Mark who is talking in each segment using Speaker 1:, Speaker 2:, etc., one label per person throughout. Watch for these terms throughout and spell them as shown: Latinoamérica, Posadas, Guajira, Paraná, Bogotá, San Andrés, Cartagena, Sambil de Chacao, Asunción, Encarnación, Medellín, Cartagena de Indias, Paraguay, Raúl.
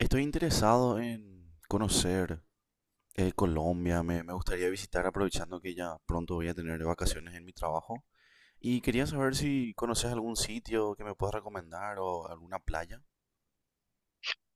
Speaker 1: Estoy interesado en conocer Colombia, me gustaría visitar aprovechando que ya pronto voy a tener vacaciones en mi trabajo. Y quería saber si conoces algún sitio que me puedas recomendar o alguna playa.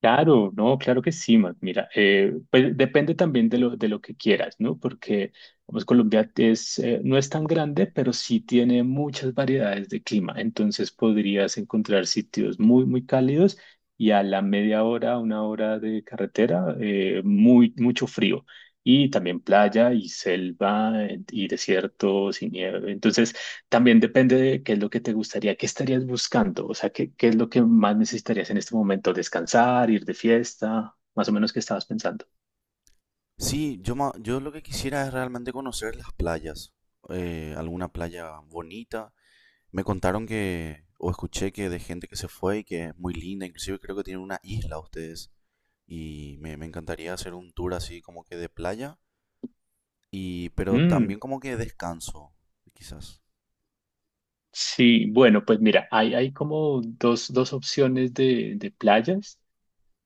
Speaker 2: Claro, no, claro que sí, Mac. Mira, pues depende también de lo que quieras, ¿no? Porque, pues Colombia es, no es tan grande, pero sí tiene muchas variedades de clima. Entonces podrías encontrar sitios muy cálidos y a la media hora, una hora de carretera, mucho frío. Y también playa y selva y desiertos y nieve. Entonces, también depende de qué es lo que te gustaría, qué estarías buscando, o sea, qué es lo que más necesitarías en este momento, descansar, ir de fiesta, más o menos qué estabas pensando.
Speaker 1: Sí, yo, yo lo que quisiera es realmente conocer las playas, alguna playa bonita. Me contaron que, o escuché que de gente que se fue y que es muy linda, inclusive creo que tienen una isla ustedes. Y me encantaría hacer un tour así como que de playa. Y, pero también
Speaker 2: Mm,
Speaker 1: como que descanso, quizás.
Speaker 2: sí, bueno, pues mira, hay como dos opciones de playas.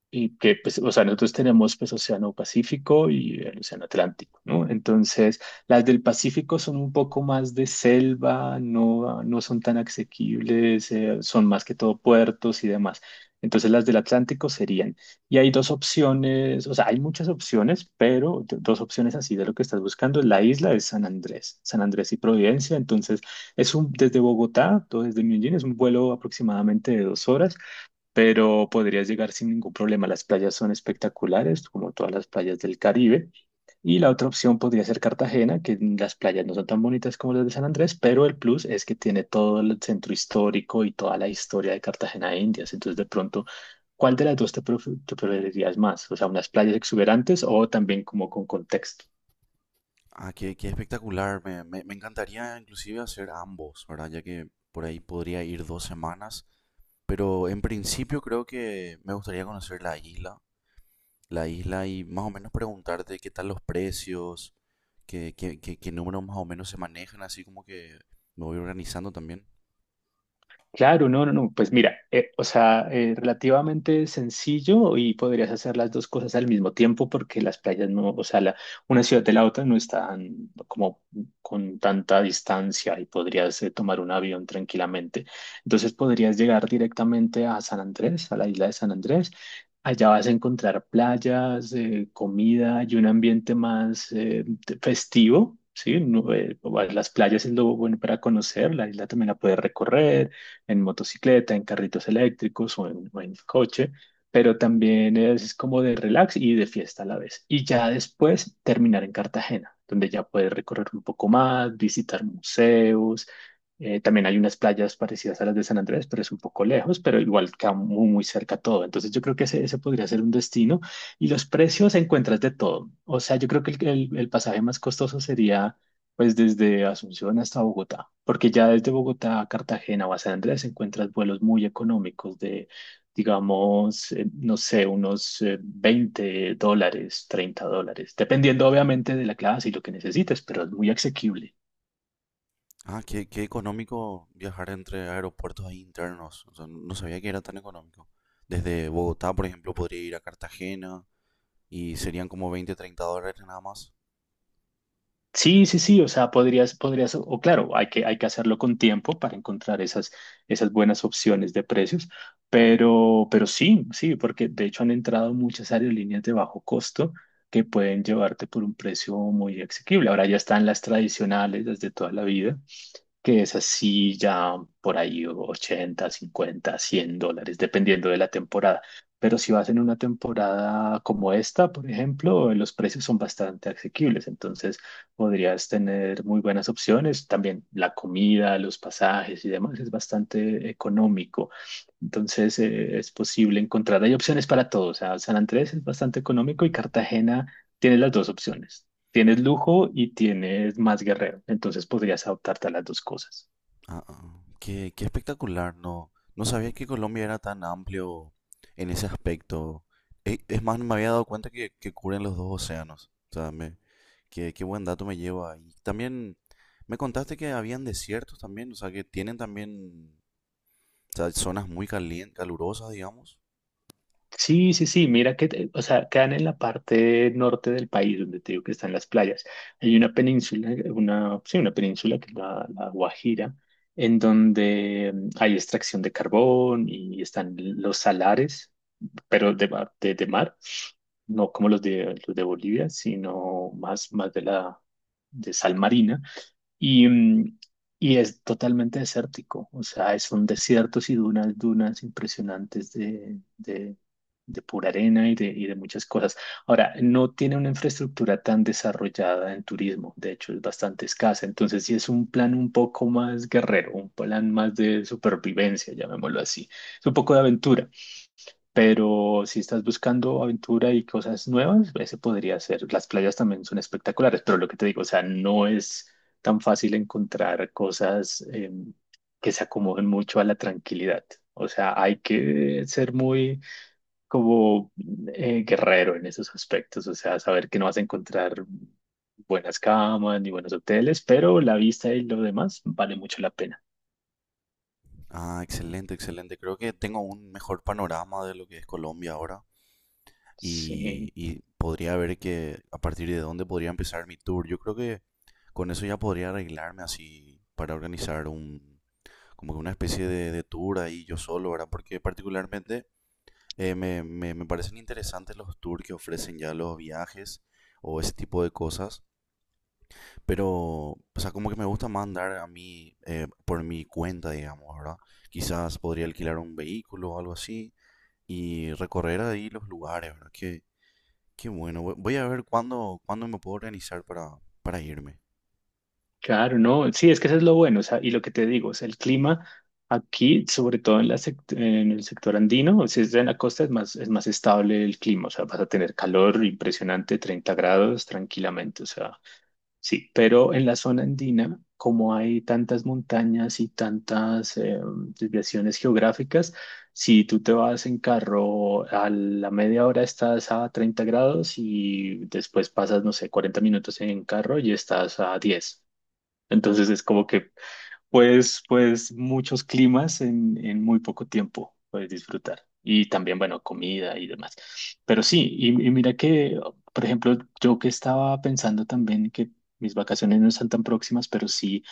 Speaker 2: Y que, pues, o sea, nosotros tenemos, pues, Océano Pacífico y el Océano Atlántico, ¿no? Entonces, las del Pacífico son un poco más de selva, no son tan asequibles, son más que todo puertos y demás. Entonces, las del Atlántico serían, y hay dos opciones, o sea, hay muchas opciones, pero dos opciones así de lo que estás buscando, la isla de San Andrés, San Andrés y Providencia, entonces, es un, desde Bogotá, todo desde Medellín, es un vuelo aproximadamente de 2 horas, pero podrías llegar sin ningún problema. Las playas son espectaculares, como todas las playas del Caribe. Y la otra opción podría ser Cartagena, que las playas no son tan bonitas como las de San Andrés, pero el plus es que tiene todo el centro histórico y toda la historia de Cartagena de Indias. Entonces, de pronto, ¿cuál de las dos te preferirías más? O sea, unas playas exuberantes o también como con contexto.
Speaker 1: Ah, qué, qué espectacular. Me encantaría inclusive hacer ambos, ¿verdad? Ya que por ahí podría ir 2 semanas. Pero en principio creo que me gustaría conocer la isla y más o menos preguntarte qué tal los precios, qué números más o menos se manejan, así como que me voy organizando también.
Speaker 2: Claro, no, no, no. Pues mira, relativamente sencillo y podrías hacer las dos cosas al mismo tiempo porque las playas no, o sea, una ciudad de la otra no están como con tanta distancia y podrías tomar un avión tranquilamente. Entonces podrías llegar directamente a San Andrés, a la isla de San Andrés. Allá vas a encontrar playas, comida y un ambiente más festivo. Sí, no, las playas es lo bueno para conocer, la isla también la puedes recorrer en motocicleta, en carritos eléctricos o en coche, pero también es como de relax y de fiesta a la vez. Y ya después terminar en Cartagena, donde ya puedes recorrer un poco más, visitar museos. También hay unas playas parecidas a las de San Andrés, pero es un poco lejos, pero igual queda muy cerca todo. Entonces yo creo que ese podría ser un destino. Y los precios encuentras de todo. O sea, yo creo que el pasaje más costoso sería pues desde Asunción hasta Bogotá, porque ya desde Bogotá a Cartagena o a San Andrés encuentras vuelos muy económicos de, digamos, no sé, unos $20, $30, dependiendo obviamente de la clase y lo que necesites, pero es muy asequible.
Speaker 1: Ah, qué, qué económico viajar entre aeropuertos ahí internos. O sea, no sabía que era tan económico. Desde Bogotá, por ejemplo, podría ir a Cartagena y serían como 20, 30 dólares nada más.
Speaker 2: Sí, sí, sí, o sea, podrías, o claro, hay que hacerlo con tiempo para encontrar esas buenas opciones de precios, pero sí, sí, porque de hecho han entrado muchas aerolíneas de bajo costo que pueden llevarte por un precio muy asequible. Ahora ya están las tradicionales, las de toda la vida, que es así ya por ahí $80, $50, $100, dependiendo de la temporada. Pero si vas en una temporada como esta, por ejemplo, los precios son bastante asequibles, entonces podrías tener muy buenas opciones. También la comida, los pasajes y demás es bastante económico. Entonces es posible encontrar, hay opciones para todos. O sea, San Andrés es bastante económico y Cartagena tiene las dos opciones. Tienes lujo y tienes más guerrero, entonces podrías adoptarte a las dos cosas.
Speaker 1: Ah, ah, ah. Qué, qué espectacular. No, no sabía que Colombia era tan amplio en ese aspecto. Es más, no me había dado cuenta que cubren los dos océanos. O sea, me, qué, qué buen dato me lleva. Y también me contaste que habían desiertos también, o sea, que tienen también, o sea, zonas muy calurosas, digamos.
Speaker 2: Sí, sí, sí, mira que, o sea, quedan en la parte norte del país, donde te digo que están las playas. Hay una península, sí, una península que es la Guajira, en donde hay extracción de carbón y están los salares, pero de mar, no como los de Bolivia, sino más de la, de sal marina. Y, mm, y es totalmente desértico, o sea, son desiertos y dunas, dunas impresionantes de pura arena y de muchas cosas. Ahora, no tiene una infraestructura tan desarrollada en turismo, de hecho es bastante escasa, entonces sí es un plan un poco más guerrero, un plan más de supervivencia, llamémoslo así, es un poco de aventura. Pero si estás buscando aventura y cosas nuevas, ese podría ser. Las playas también son espectaculares, pero lo que te digo, o sea, no es tan fácil encontrar cosas que se acomoden mucho a la tranquilidad. O sea, hay que ser muy como guerrero en esos aspectos, o sea, saber que no vas a encontrar buenas camas ni buenos hoteles, pero la vista y lo demás vale mucho la pena.
Speaker 1: Ah, excelente, excelente. Creo que tengo un mejor panorama de lo que es Colombia ahora
Speaker 2: Sí.
Speaker 1: y podría ver que a partir de dónde podría empezar mi tour. Yo creo que con eso ya podría arreglarme así para organizar un, como que una especie de tour ahí yo solo, ¿verdad? Porque particularmente me parecen interesantes los tours que ofrecen ya los viajes o ese tipo de cosas. Pero, o sea, como que me gusta más andar a mí por mi cuenta, digamos, ¿verdad? Quizás podría alquilar un vehículo o algo así y recorrer ahí los lugares, ¿verdad? Qué, qué bueno. Voy a ver cuándo, cuándo me puedo organizar para irme.
Speaker 2: Claro, no, sí, es que eso es lo bueno, o sea, y lo que te digo, o sea, el clima aquí, sobre todo en la en el sector andino, si es en la costa es es más estable el clima, o sea, vas a tener calor impresionante, 30 grados tranquilamente, o sea, sí, pero en la zona andina, como hay tantas montañas y tantas desviaciones geográficas, si tú te vas en carro a la media hora estás a 30 grados y después pasas, no sé, 40 minutos en carro y estás a 10. Entonces es como que puedes, pues muchos climas en muy poco tiempo puedes disfrutar. Y también, bueno, comida y demás. Pero sí, y mira que, por ejemplo, yo que estaba pensando también que mis vacaciones no están tan próximas, pero sí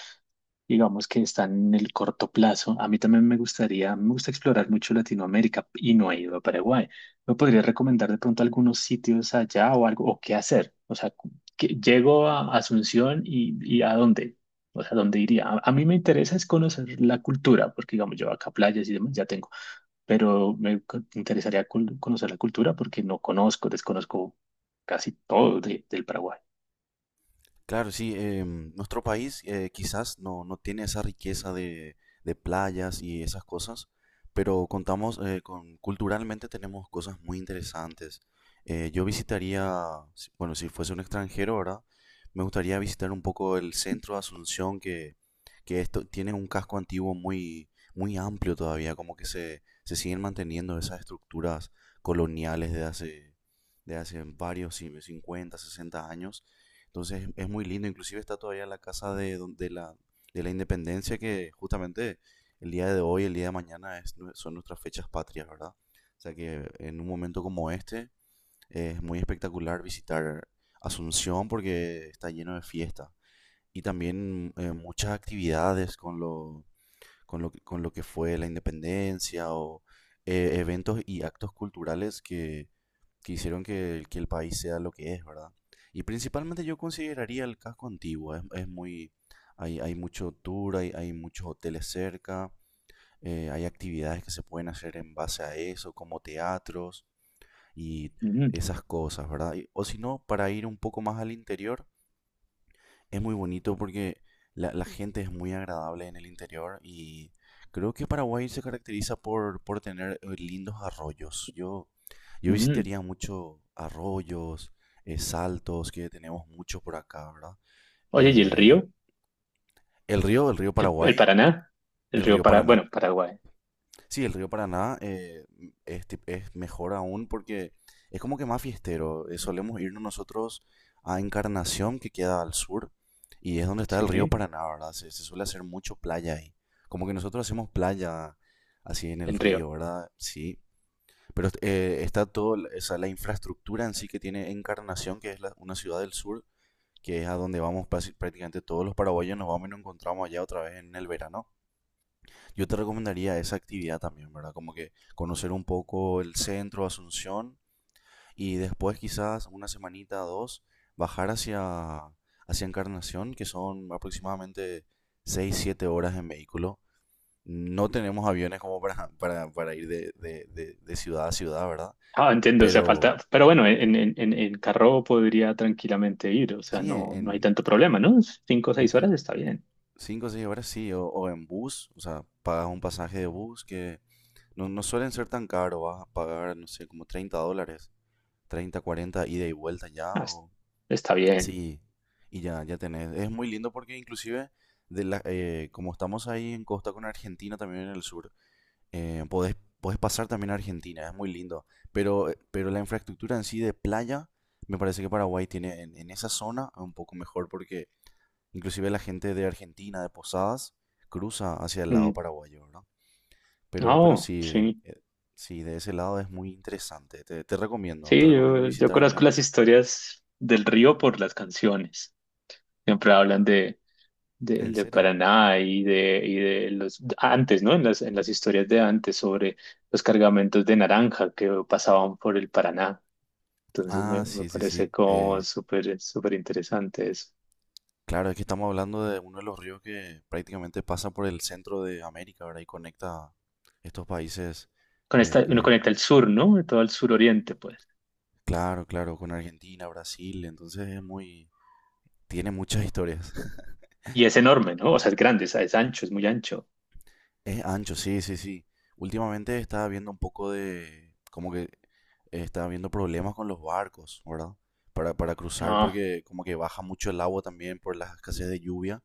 Speaker 2: digamos que están en el corto plazo. A mí también me gustaría, me gusta explorar mucho Latinoamérica y no he ido a Paraguay. ¿Me podrías recomendar de pronto algunos sitios allá o algo, o qué hacer? O sea, que llego a Asunción y a dónde? O sea, ¿dónde iría? A mí me interesa es conocer la cultura, porque digamos, yo acá playas y demás ya tengo, pero interesaría conocer la cultura porque no conozco, desconozco casi todo del Paraguay.
Speaker 1: Claro, sí, nuestro país quizás no, no tiene esa riqueza de playas y esas cosas, pero contamos con, culturalmente tenemos cosas muy interesantes. Yo visitaría, bueno, si fuese un extranjero, ¿verdad? Me gustaría visitar un poco el centro de Asunción, que esto tiene un casco antiguo muy, muy amplio todavía, como que se siguen manteniendo esas estructuras coloniales de hace varios, sí, 50, 60 años. Entonces es muy lindo, inclusive está todavía la casa de, de la independencia que justamente el día de hoy, el día de mañana es son nuestras fechas patrias, ¿verdad? O sea que en un momento como este es muy espectacular visitar Asunción porque está lleno de fiesta y también muchas actividades con lo, con lo que fue la independencia o eventos y actos culturales que hicieron que el país sea lo que es, ¿verdad? Y principalmente yo consideraría el casco antiguo, es muy, hay mucho tour, hay muchos hoteles cerca, hay actividades que se pueden hacer en base a eso, como teatros y
Speaker 2: Mm,
Speaker 1: esas cosas, ¿verdad? O si no, para ir un poco más al interior, es muy bonito porque la gente es muy agradable en el interior y creo que Paraguay se caracteriza por tener lindos arroyos. Yo
Speaker 2: mm.
Speaker 1: visitaría mucho arroyos, saltos, que tenemos mucho por acá, ¿verdad?
Speaker 2: Oye, ¿y el
Speaker 1: Eh,
Speaker 2: río?
Speaker 1: el río, el río
Speaker 2: El
Speaker 1: Paraguay,
Speaker 2: Paraná? El
Speaker 1: el
Speaker 2: río
Speaker 1: río
Speaker 2: Para,
Speaker 1: Paraná.
Speaker 2: bueno, Paraguay,
Speaker 1: Sí, el río Paraná es, es mejor aún porque es como que más fiestero. Solemos irnos nosotros a Encarnación, que queda al sur, y es donde está el río
Speaker 2: sí,
Speaker 1: Paraná, ¿verdad? Se suele hacer mucho playa ahí. Como que nosotros hacemos playa así en el
Speaker 2: el río.
Speaker 1: río, ¿verdad? Sí. Pero está todo, esa, la infraestructura en sí que tiene Encarnación, que es una ciudad del sur, que es a donde vamos prácticamente todos los paraguayos, nos vamos y nos encontramos allá otra vez en el verano. Yo te recomendaría esa actividad también, ¿verdad? Como que conocer un poco el centro, Asunción, y después quizás una semanita, o dos, bajar hacia, hacia Encarnación, que son aproximadamente 6 siete horas en vehículo. No tenemos aviones como para, para ir de ciudad a ciudad, ¿verdad?
Speaker 2: Ah, entiendo, o sea,
Speaker 1: Pero
Speaker 2: falta, pero bueno, en carro podría tranquilamente ir, o sea,
Speaker 1: sí,
Speaker 2: no, no hay
Speaker 1: en
Speaker 2: tanto problema, ¿no? 5 o 6 horas está bien.
Speaker 1: cinco o 6 horas sí, o en bus, o sea, pagas un pasaje de bus que no, no suelen ser tan caro. Vas a pagar, no sé, como 30 dólares, 30 40 ida y vuelta ya.
Speaker 2: Ah, es- Está bien.
Speaker 1: Sí, y ya, ya tenés. Es muy lindo porque inclusive, de la, como estamos ahí en costa con Argentina, también en el sur, podés, podés pasar también a Argentina, es muy lindo. Pero la infraestructura en sí de playa, me parece que Paraguay tiene en esa zona un poco mejor porque inclusive la gente de Argentina, de Posadas, cruza hacia el lado
Speaker 2: Mm.
Speaker 1: paraguayo, ¿verdad? Pero
Speaker 2: Oh,
Speaker 1: sí,
Speaker 2: sí,
Speaker 1: eh, sí, de ese lado es muy interesante. Te, te
Speaker 2: sí,
Speaker 1: recomiendo
Speaker 2: yo
Speaker 1: visitar alguna
Speaker 2: conozco las
Speaker 1: vez.
Speaker 2: historias del río por las canciones, siempre hablan
Speaker 1: ¿En
Speaker 2: de
Speaker 1: serio?
Speaker 2: Paraná y de los, antes, ¿no? En en las historias de antes sobre los cargamentos de naranja que pasaban por el Paraná. Entonces
Speaker 1: Ah,
Speaker 2: me
Speaker 1: sí, sí,
Speaker 2: parece
Speaker 1: sí.
Speaker 2: como súper interesante eso.
Speaker 1: Claro, es que estamos hablando de uno de los ríos que prácticamente pasa por el centro de América, ¿verdad? Y conecta estos países
Speaker 2: Con
Speaker 1: eh,
Speaker 2: esta uno
Speaker 1: que,
Speaker 2: conecta el sur, ¿no? Todo el suroriente, pues.
Speaker 1: claro, claro, con Argentina, Brasil, entonces es muy, tiene muchas historias.
Speaker 2: Y es enorme, ¿no? O sea, es grande, es ancho, es muy ancho.
Speaker 1: Es ancho, sí, sí, sí. Últimamente estaba viendo un poco de, como que estaba viendo problemas con los barcos, ¿verdad? Para cruzar
Speaker 2: No,
Speaker 1: porque como que baja mucho el agua también por las escasez de lluvia,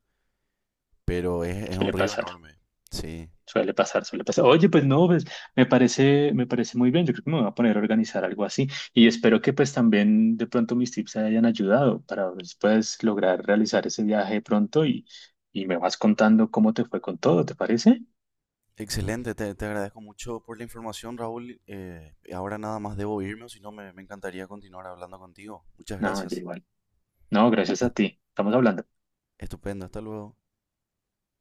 Speaker 1: pero es un
Speaker 2: suele
Speaker 1: río
Speaker 2: pasar,
Speaker 1: enorme, sí.
Speaker 2: suele pasar. Oye, pues no, pues, me parece muy bien. Yo creo que me voy a poner a organizar algo así. Y espero que pues también de pronto mis tips te hayan ayudado para después lograr realizar ese viaje pronto y me vas contando cómo te fue con todo, ¿te parece?
Speaker 1: Excelente, te agradezco mucho por la información, Raúl. Ahora nada más debo irme, o si no, me encantaría continuar hablando contigo. Muchas
Speaker 2: No, ya
Speaker 1: gracias.
Speaker 2: igual. No, gracias a
Speaker 1: Ah,
Speaker 2: ti. Estamos hablando.
Speaker 1: estupendo, hasta luego.